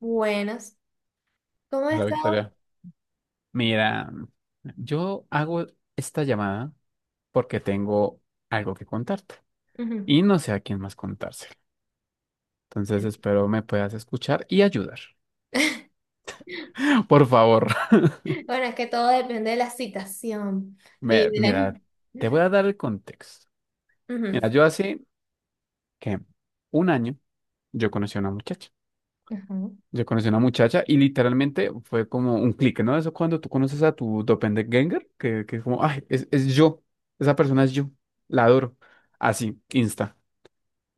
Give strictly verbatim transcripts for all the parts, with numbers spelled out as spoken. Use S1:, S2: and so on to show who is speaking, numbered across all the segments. S1: Buenas. ¿Cómo has
S2: Hola,
S1: estado?
S2: Victoria. Mira, yo hago esta llamada porque tengo algo que contarte
S1: Ujú.
S2: y no sé a quién más contárselo. Entonces
S1: Bueno.
S2: espero me puedas escuchar y ayudar. Por favor.
S1: Bueno, es que todo depende de la citación y
S2: Me-
S1: de la...
S2: mira, te voy a dar el contexto.
S1: Ujú,
S2: Mira, yo hace que un año yo conocí a una muchacha.
S1: ujú,
S2: Yo conocí a una muchacha y literalmente fue como un clic, ¿no? Eso cuando tú conoces a tu doppelganger, que, que es como, ay, es, es yo, esa persona es yo, la adoro. Así, insta.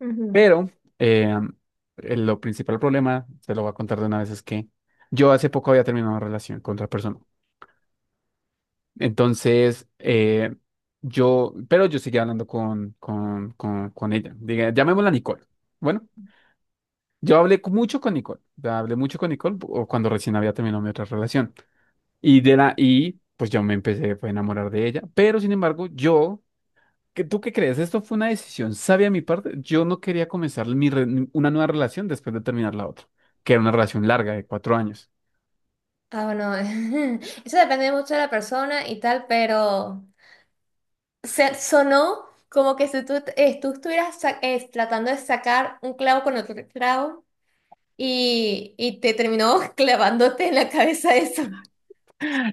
S1: ujú.
S2: Pero eh, el- lo principal problema, se lo voy a contar de una vez, es que yo hace poco había terminado una relación con otra persona. Entonces, eh, yo, pero yo seguía hablando con, con, con, con ella. Diga, llamémosla Nicole. Bueno, yo hablé cu- mucho con Nicole. Ya hablé mucho con Nicole o cuando recién había terminado mi otra relación. Y de la, y pues yo me empecé pues, a enamorar de ella. Pero sin embargo, yo ¿Qué- ¿Tú qué crees? ¿Esto fue una decisión sabia de mi parte? Yo no quería comenzar mi re- una nueva relación después de terminar la otra, que era una relación larga de cuatro años.
S1: Ah, bueno, eso depende mucho de la persona y tal, pero se sonó como que si tú, eh, tú estuvieras sa- eh, tratando de sacar un clavo con otro clavo y, y te terminó clavándote en la cabeza eso.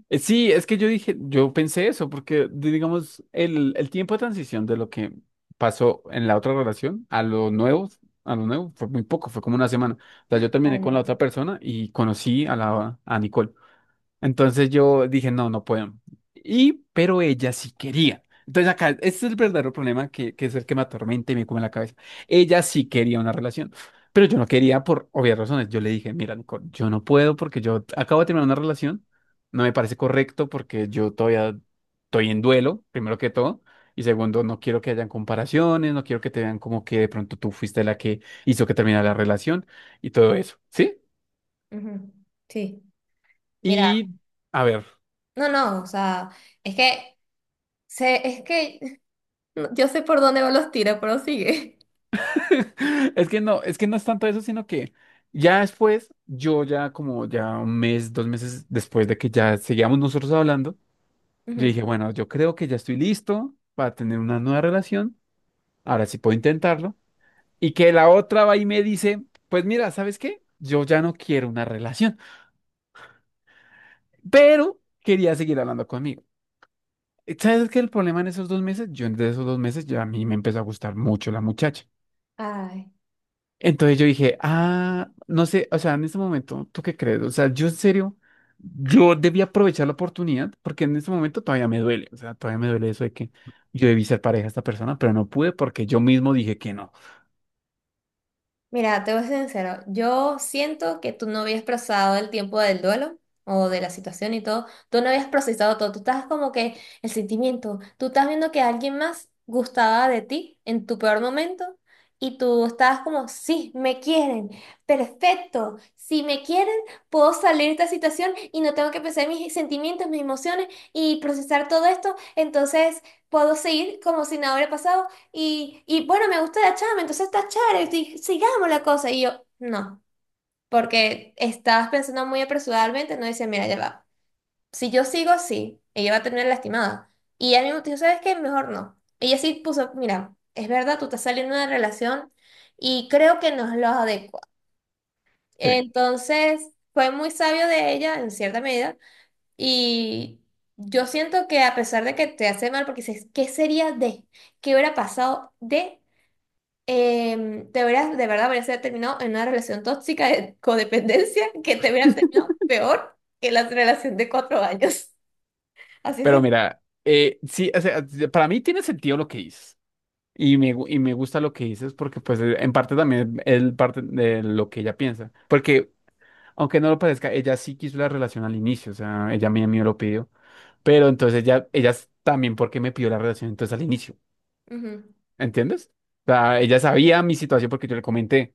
S2: Eh, sí, es que yo dije, yo pensé eso, porque di- digamos, el, el tiempo de transición de lo que pasó en la otra relación a lo nuevo, a lo nuevo fue muy poco, fue como una semana. O sea, yo
S1: Ay,
S2: terminé con la
S1: no.
S2: otra persona y conocí a la a Nicole. Entonces yo dije, no, no puedo. Y, pero ella sí quería. Entonces acá, este es el verdadero problema que, que es el que me atormenta y me come la cabeza. Ella sí quería una relación, pero yo no quería por obvias razones. Yo le dije, mira, Nicole, yo no puedo porque yo acabo de terminar una relación, no me parece correcto porque yo todavía estoy en duelo, primero que todo. Y segundo, no quiero que hayan comparaciones, no quiero que te vean como que de pronto tú fuiste la que hizo que terminara la relación y todo eso, ¿sí?
S1: Ujú. Sí, mira,
S2: Y a ver.
S1: no, no, o sea, es que, se, es que no, yo sé por dónde van los tiros, pero sigue.
S2: Es que no, es que no es tanto eso, sino que ya después, yo ya como ya un mes, dos meses después de que ya seguíamos nosotros hablando, yo
S1: Ujú.
S2: dije, bueno, yo creo que ya estoy listo para tener una nueva relación, ahora sí puedo intentarlo. Y que la otra va y me dice, pues mira, ¿sabes qué? Yo ya no quiero una relación, pero quería seguir hablando conmigo. ¿Sabes qué? El problema en esos dos meses, yo en esos dos meses ya a mí me empezó a gustar mucho la muchacha.
S1: Ay.
S2: Entonces yo dije, ah, no sé, o sea, en este momento, ¿tú qué crees? O sea, yo en serio, yo debí aprovechar la oportunidad porque en este momento todavía me duele, o sea, todavía me duele eso de que yo debí ser pareja a esta persona, pero no pude porque yo mismo dije que no.
S1: Mira, te voy a ser sincero, yo siento que tú no habías procesado el tiempo del duelo o de la situación y todo, tú no habías procesado todo, tú estás como que el sentimiento, tú estás viendo que alguien más gustaba de ti en tu peor momento y tú estabas como, sí, me quieren, perfecto, si me quieren, puedo salir de esta situación y no tengo que pensar en mis sentimientos, mis emociones y procesar todo esto, entonces puedo seguir como si nada hubiera pasado y, y bueno, me gusta la chama, entonces está chévere, estoy- sigamos la cosa. Y yo, no, porque estabas pensando muy apresuradamente, no dice, mira, ya va. Si yo sigo así, ella va a terminar lastimada. Y ella mismo dijo, ¿sabes qué? Mejor no. Ella sí puso, mira, es verdad, tú estás saliendo de una relación y creo que no es lo adecuado.
S2: Sí,
S1: Entonces, fue muy sabio de ella, en cierta medida, y yo siento que a pesar de que te hace mal, porque dices, ¿qué sería de? ¿Qué hubiera pasado de? Em, te hubieras, de verdad, hubieras terminado en una relación tóxica de codependencia que te hubieran terminado peor que la relación de cuatro años. Así es.
S2: pero mira, eh, sí, o sea, para mí tiene sentido lo que dices y me, gu- y me gusta lo que dices porque pues eh, en parte también es parte de lo que ella piensa, porque aunque no lo parezca, ella sí quiso la relación al inicio, o sea, ella a mí a mí me lo pidió. Pero entonces ella, ella también porque me pidió la relación entonces al inicio,
S1: Ujú,
S2: ¿entiendes? O sea, ella sabía mi situación porque yo le comenté,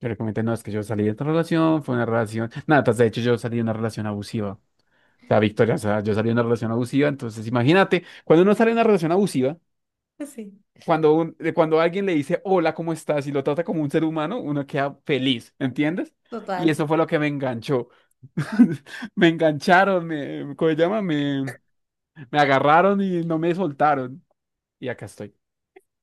S2: yo le comenté, no, es que yo salí de esta relación, fue una relación, nada, pues, de hecho yo salí de una relación abusiva, o sea, Victoria, o sea, yo salí de una relación abusiva, entonces imagínate, cuando uno sale de una relación abusiva,
S1: pues sí,
S2: cuando, un- eh, cuando alguien le dice, hola, ¿cómo estás? Y lo trata como un ser humano, uno queda feliz, ¿entiendes? Y
S1: total.
S2: eso fue lo que me enganchó. Me engancharon, me, ¿cómo se llama? Me, me agarraron y no me soltaron. Y acá estoy.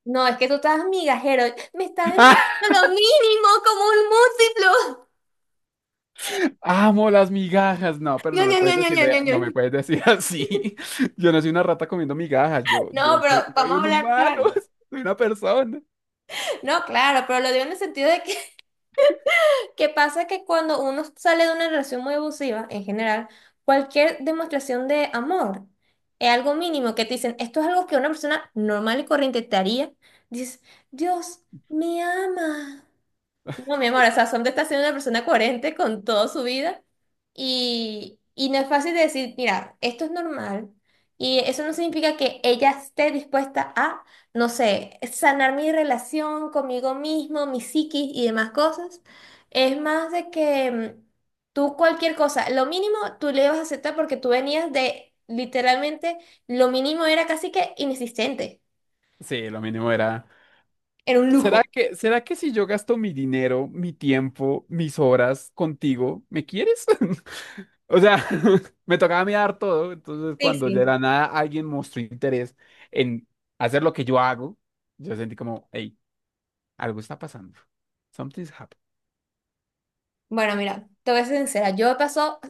S1: No, es que tú estás migajero. Me está
S2: ¡Ah!
S1: demostrando lo mínimo como un múltiplo.
S2: Amo las migajas. No, pero
S1: No,
S2: no me
S1: no, no,
S2: puedes
S1: no,
S2: decir, de-
S1: no, no,
S2: no me
S1: no.
S2: puedes decir así. Yo no soy una rata comiendo migajas. Yo, yo
S1: No,
S2: fui-
S1: pero
S2: soy
S1: vamos a
S2: un
S1: hablar
S2: humano,
S1: claro.
S2: soy una persona.
S1: No, claro, pero lo digo en el sentido de que pasa que cuando uno sale de una relación muy abusiva, en general, cualquier demostración de amor es algo mínimo que te dicen, esto es algo que una persona normal y corriente te haría. Dices, Dios, me ama. No, mi amor, o sea, Sombra está siendo una persona coherente con toda su vida y, y no es fácil de decir, mira, esto es normal y eso no significa que ella esté dispuesta a, no sé, sanar mi relación conmigo mismo, mi psiquis y demás cosas. Es más de que mm, tú cualquier cosa, lo mínimo tú le vas a aceptar porque tú venías de, literalmente, lo mínimo era casi que inexistente,
S2: Sí, lo mínimo era.
S1: era un
S2: ¿Será
S1: lujo.
S2: que, ¿será que si yo gasto mi dinero, mi tiempo, mis horas contigo, ¿me quieres? O sea, me tocaba mirar todo. Entonces,
S1: Sí,
S2: cuando de
S1: sí.
S2: la nada alguien mostró interés en hacer lo que yo hago, yo sentí como, hey, algo está pasando. Something's happening.
S1: Bueno, mira, te voy a ser sincera, yo pasó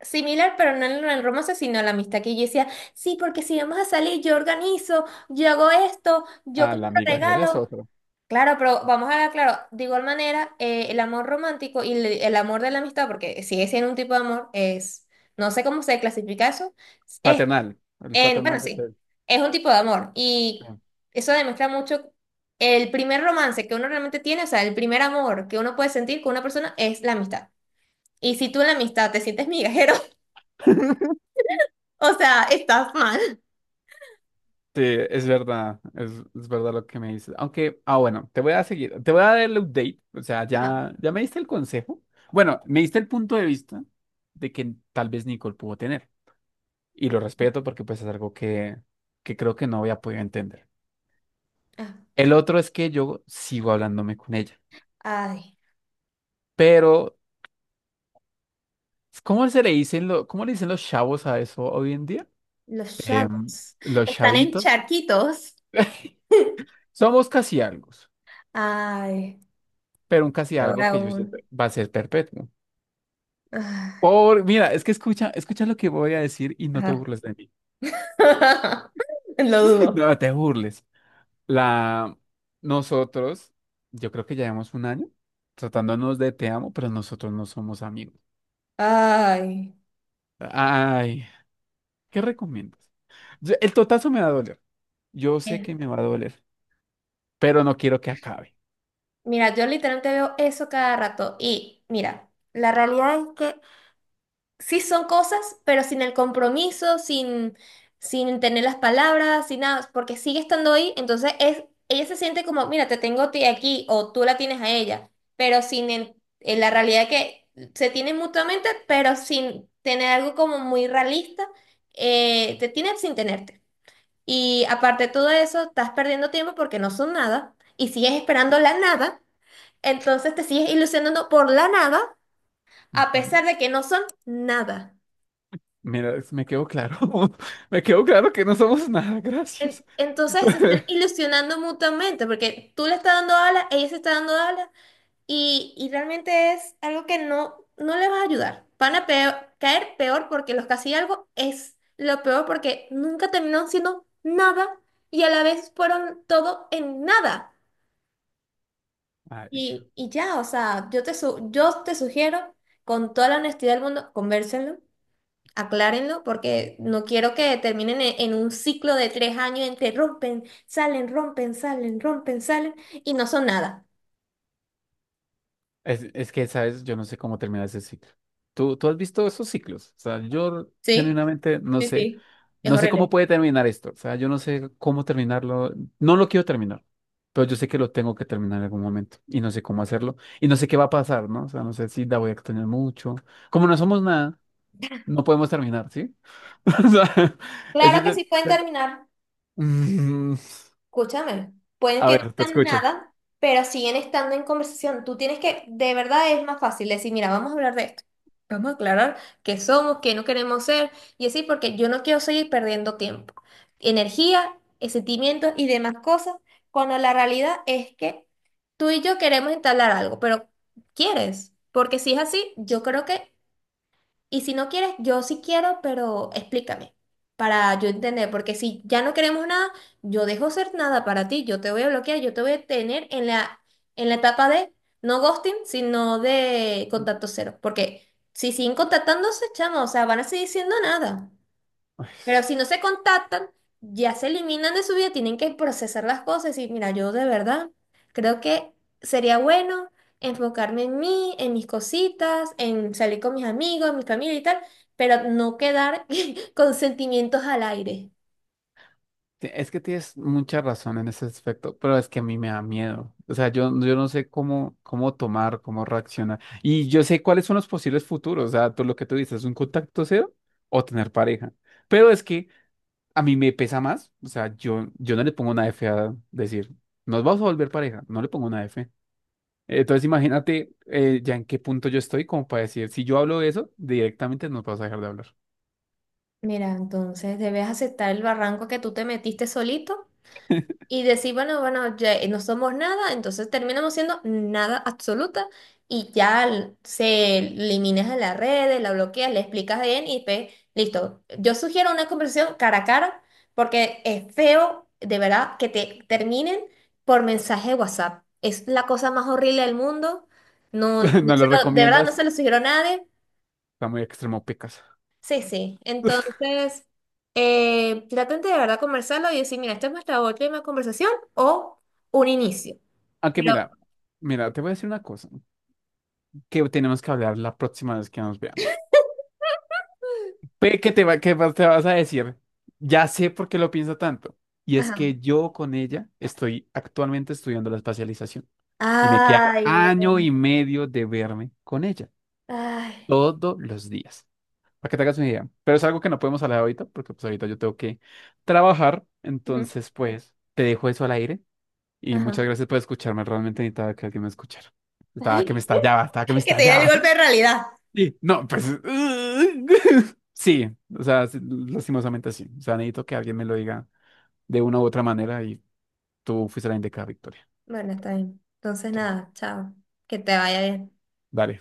S1: similar, pero no en el romance, sino la amistad que yo decía, sí, porque si vamos a salir, yo organizo, yo hago esto, yo
S2: Ah,
S1: compro
S2: la migajera es
S1: regalos.
S2: otro.
S1: Claro, pero vamos a ver, claro, de igual manera, eh, el amor romántico y el, el amor de la amistad, porque sigue siendo un tipo de amor, es, no sé cómo se clasifica eso, es,
S2: Fraternal. El
S1: en, bueno,
S2: fraternal es
S1: sí,
S2: el.
S1: es un tipo de amor. Y
S2: Sí,
S1: eso demuestra mucho el primer romance que uno realmente tiene, o sea, el primer amor que uno puede sentir con una persona es la amistad. Y si tú en la amistad te sientes migajero, o sea, estás mal.
S2: sí, es verdad, es, es verdad lo que me dices. Aunque, ah, bueno, te voy a seguir, te voy a dar el update, o sea,
S1: Ajá.
S2: ya, ya me diste el consejo. Bueno, me diste el punto de vista de que tal vez Nicole pudo tener, y lo respeto porque pues es algo que, que creo que no había podido entender.
S1: Ah.
S2: El otro es que yo sigo hablándome con ella,
S1: Ay,
S2: pero ¿cómo se le dicen lo, ¿cómo le dicen los chavos a eso hoy en día?
S1: los
S2: Em,
S1: chavos.
S2: los
S1: Están en
S2: chavitos.
S1: charquitos.
S2: Somos casi algo,
S1: Ay,
S2: pero un casi
S1: y
S2: algo
S1: ahora
S2: que yo siento
S1: un...
S2: va a ser perpetuo.
S1: ah,
S2: Por, mira, es que escucha, escucha lo que voy a decir y no te
S1: ajá.
S2: burles de mí.
S1: Lo dudo.
S2: No te burles. La, nosotros, yo creo que llevamos un año tratándonos de te amo, pero nosotros no somos amigos.
S1: Ay.
S2: Ay, ¿qué recomiendas? Yo- el totazo me va a doler. Yo sé que me va a doler, pero no quiero que acabe.
S1: Mira, yo literalmente veo eso cada rato. Y mira, la realidad es que sí son cosas, pero sin el compromiso, sin, sin tener las palabras, sin nada, porque sigue estando ahí, entonces es, ella se siente como, mira, te tengo a ti aquí o tú la tienes a ella, pero sin el- en la realidad que se tienen mutuamente, pero sin tener algo como muy realista, eh, te tienen sin tenerte. Y aparte de todo eso, estás perdiendo tiempo porque no son nada y sigues esperando la nada, entonces te sigues ilusionando por la nada a
S2: Ujú.
S1: pesar de que no son nada.
S2: Mira, es- me quedó claro. Me quedó claro que no somos nada,
S1: En-
S2: gracias.
S1: Entonces se están ilusionando mutuamente porque tú le estás dando alas, ella se está dando alas y, y realmente es algo que no, no le va a ayudar. Van a peor- caer peor porque los casi algo es lo peor porque nunca terminaron siendo nada y a la vez fueron todo en nada.
S2: Ay.
S1: Y, y ya, o sea, yo te, su- yo te sugiero con toda la honestidad del mundo, convérselo. Aclárenlo porque no quiero que terminen e- en un ciclo de tres años entre rompen, salen, rompen, salen, rompen, salen y no son nada.
S2: Es, es que, ¿sabes? Yo no sé cómo termina ese ciclo. ¿Tú, tú has visto esos ciclos? O sea, yo
S1: Sí,
S2: genuinamente no
S1: sí,
S2: sé,
S1: sí. Es
S2: no sé cómo
S1: horrible.
S2: puede terminar esto. O sea, yo no sé cómo terminarlo. No lo quiero terminar, pero yo sé que lo tengo que terminar en algún momento y no sé cómo hacerlo y no sé qué va a pasar, ¿no? O sea, no sé si la voy a extrañar mucho. Como no somos nada, no podemos terminar, ¿sí? O sea, ese
S1: Claro
S2: es
S1: que
S2: el-
S1: sí pueden terminar.
S2: Mm,
S1: Escúchame, pueden
S2: a
S1: que no
S2: ver, te
S1: sean
S2: escucho.
S1: nada, pero siguen estando en conversación. Tú tienes que, de verdad es más fácil decir, mira, vamos a hablar de esto. Vamos a aclarar qué somos, qué no queremos ser, y así porque yo no quiero seguir perdiendo tiempo, energía, eh, sentimientos y demás cosas, cuando la realidad es que tú y yo queremos entablar algo, pero ¿quieres? Porque si es así, yo creo que y si no quieres, yo sí quiero, pero explícame para yo entender, porque si ya no queremos nada, yo dejo ser nada para ti, yo te voy a bloquear, yo te voy a tener en la, en la etapa de no ghosting, sino de contacto cero, porque si siguen contactándose, chamo, o sea, van a seguir siendo nada. Pero si no se contactan, ya se eliminan de su vida, tienen que procesar las cosas y mira, yo de verdad creo que sería bueno enfocarme en mí, en mis cositas, en salir con mis amigos, mi familia y tal, pero no quedar con sentimientos al aire.
S2: Te- Es que tienes mucha razón en ese aspecto, pero es que a mí me da miedo. O sea, yo, yo no sé cómo, cómo tomar, cómo reaccionar. Y yo sé cuáles son los posibles futuros. O sea, tú lo que tú dices, un contacto cero o tener pareja. Pero es que a mí me pesa más. O sea, yo, yo no le pongo una F a decir, nos vamos a volver pareja. No le pongo una F. Entonces, imagínate eh, ya en qué punto yo estoy como para decir, si yo hablo de eso, directamente nos vas a dejar de hablar.
S1: Mira, entonces debes aceptar el barranco que tú te metiste solito y decir, bueno, bueno, ya no somos nada, entonces terminamos siendo nada absoluta y ya l- se eliminas de las redes, la bloqueas, le explicas bien y pe- listo. Yo sugiero una conversación cara a cara porque es feo, de verdad, que te terminen por mensaje de WhatsApp. Es la cosa más horrible del mundo. No, no
S2: ¿No
S1: se
S2: lo
S1: lo- De verdad no
S2: recomiendas?
S1: se lo sugiero a nadie.
S2: Está muy extremo, pecas.
S1: Sí, sí. Entonces, eh, traten de verdad conversarlo y decir, mira, esta es nuestra última conversación o un inicio.
S2: Aunque
S1: Pero,
S2: mira, mira, te voy a decir una cosa que tenemos que hablar la próxima vez que nos veamos. Ve que te va, que va- te vas a decir, ya sé por qué lo pienso tanto. Y es
S1: ajá.
S2: que yo con ella estoy actualmente estudiando la especialización y me queda
S1: Ay,
S2: año
S1: no.
S2: y medio de verme con ella
S1: Ay.
S2: todos los días. Para que te hagas una idea. Pero es algo que no podemos hablar ahorita porque pues ahorita yo tengo que trabajar.
S1: Ujú.
S2: Entonces, pues te dejo eso al aire y
S1: Ajá.
S2: muchas gracias por escucharme. Realmente necesitaba que alguien me escuchara. Estaba que me
S1: Ay.
S2: estallaba, estaba que me
S1: Que te diera el
S2: estallaba.
S1: golpe de realidad.
S2: Sí, no, pues sí, o sea, sí, lastimosamente sí. O sea, necesito que alguien me lo diga de una u otra manera y tú fuiste la indicada, Victoria.
S1: Bueno, está bien.
S2: O
S1: Entonces,
S2: sea,
S1: nada, chao. Que te vaya bien.
S2: dale.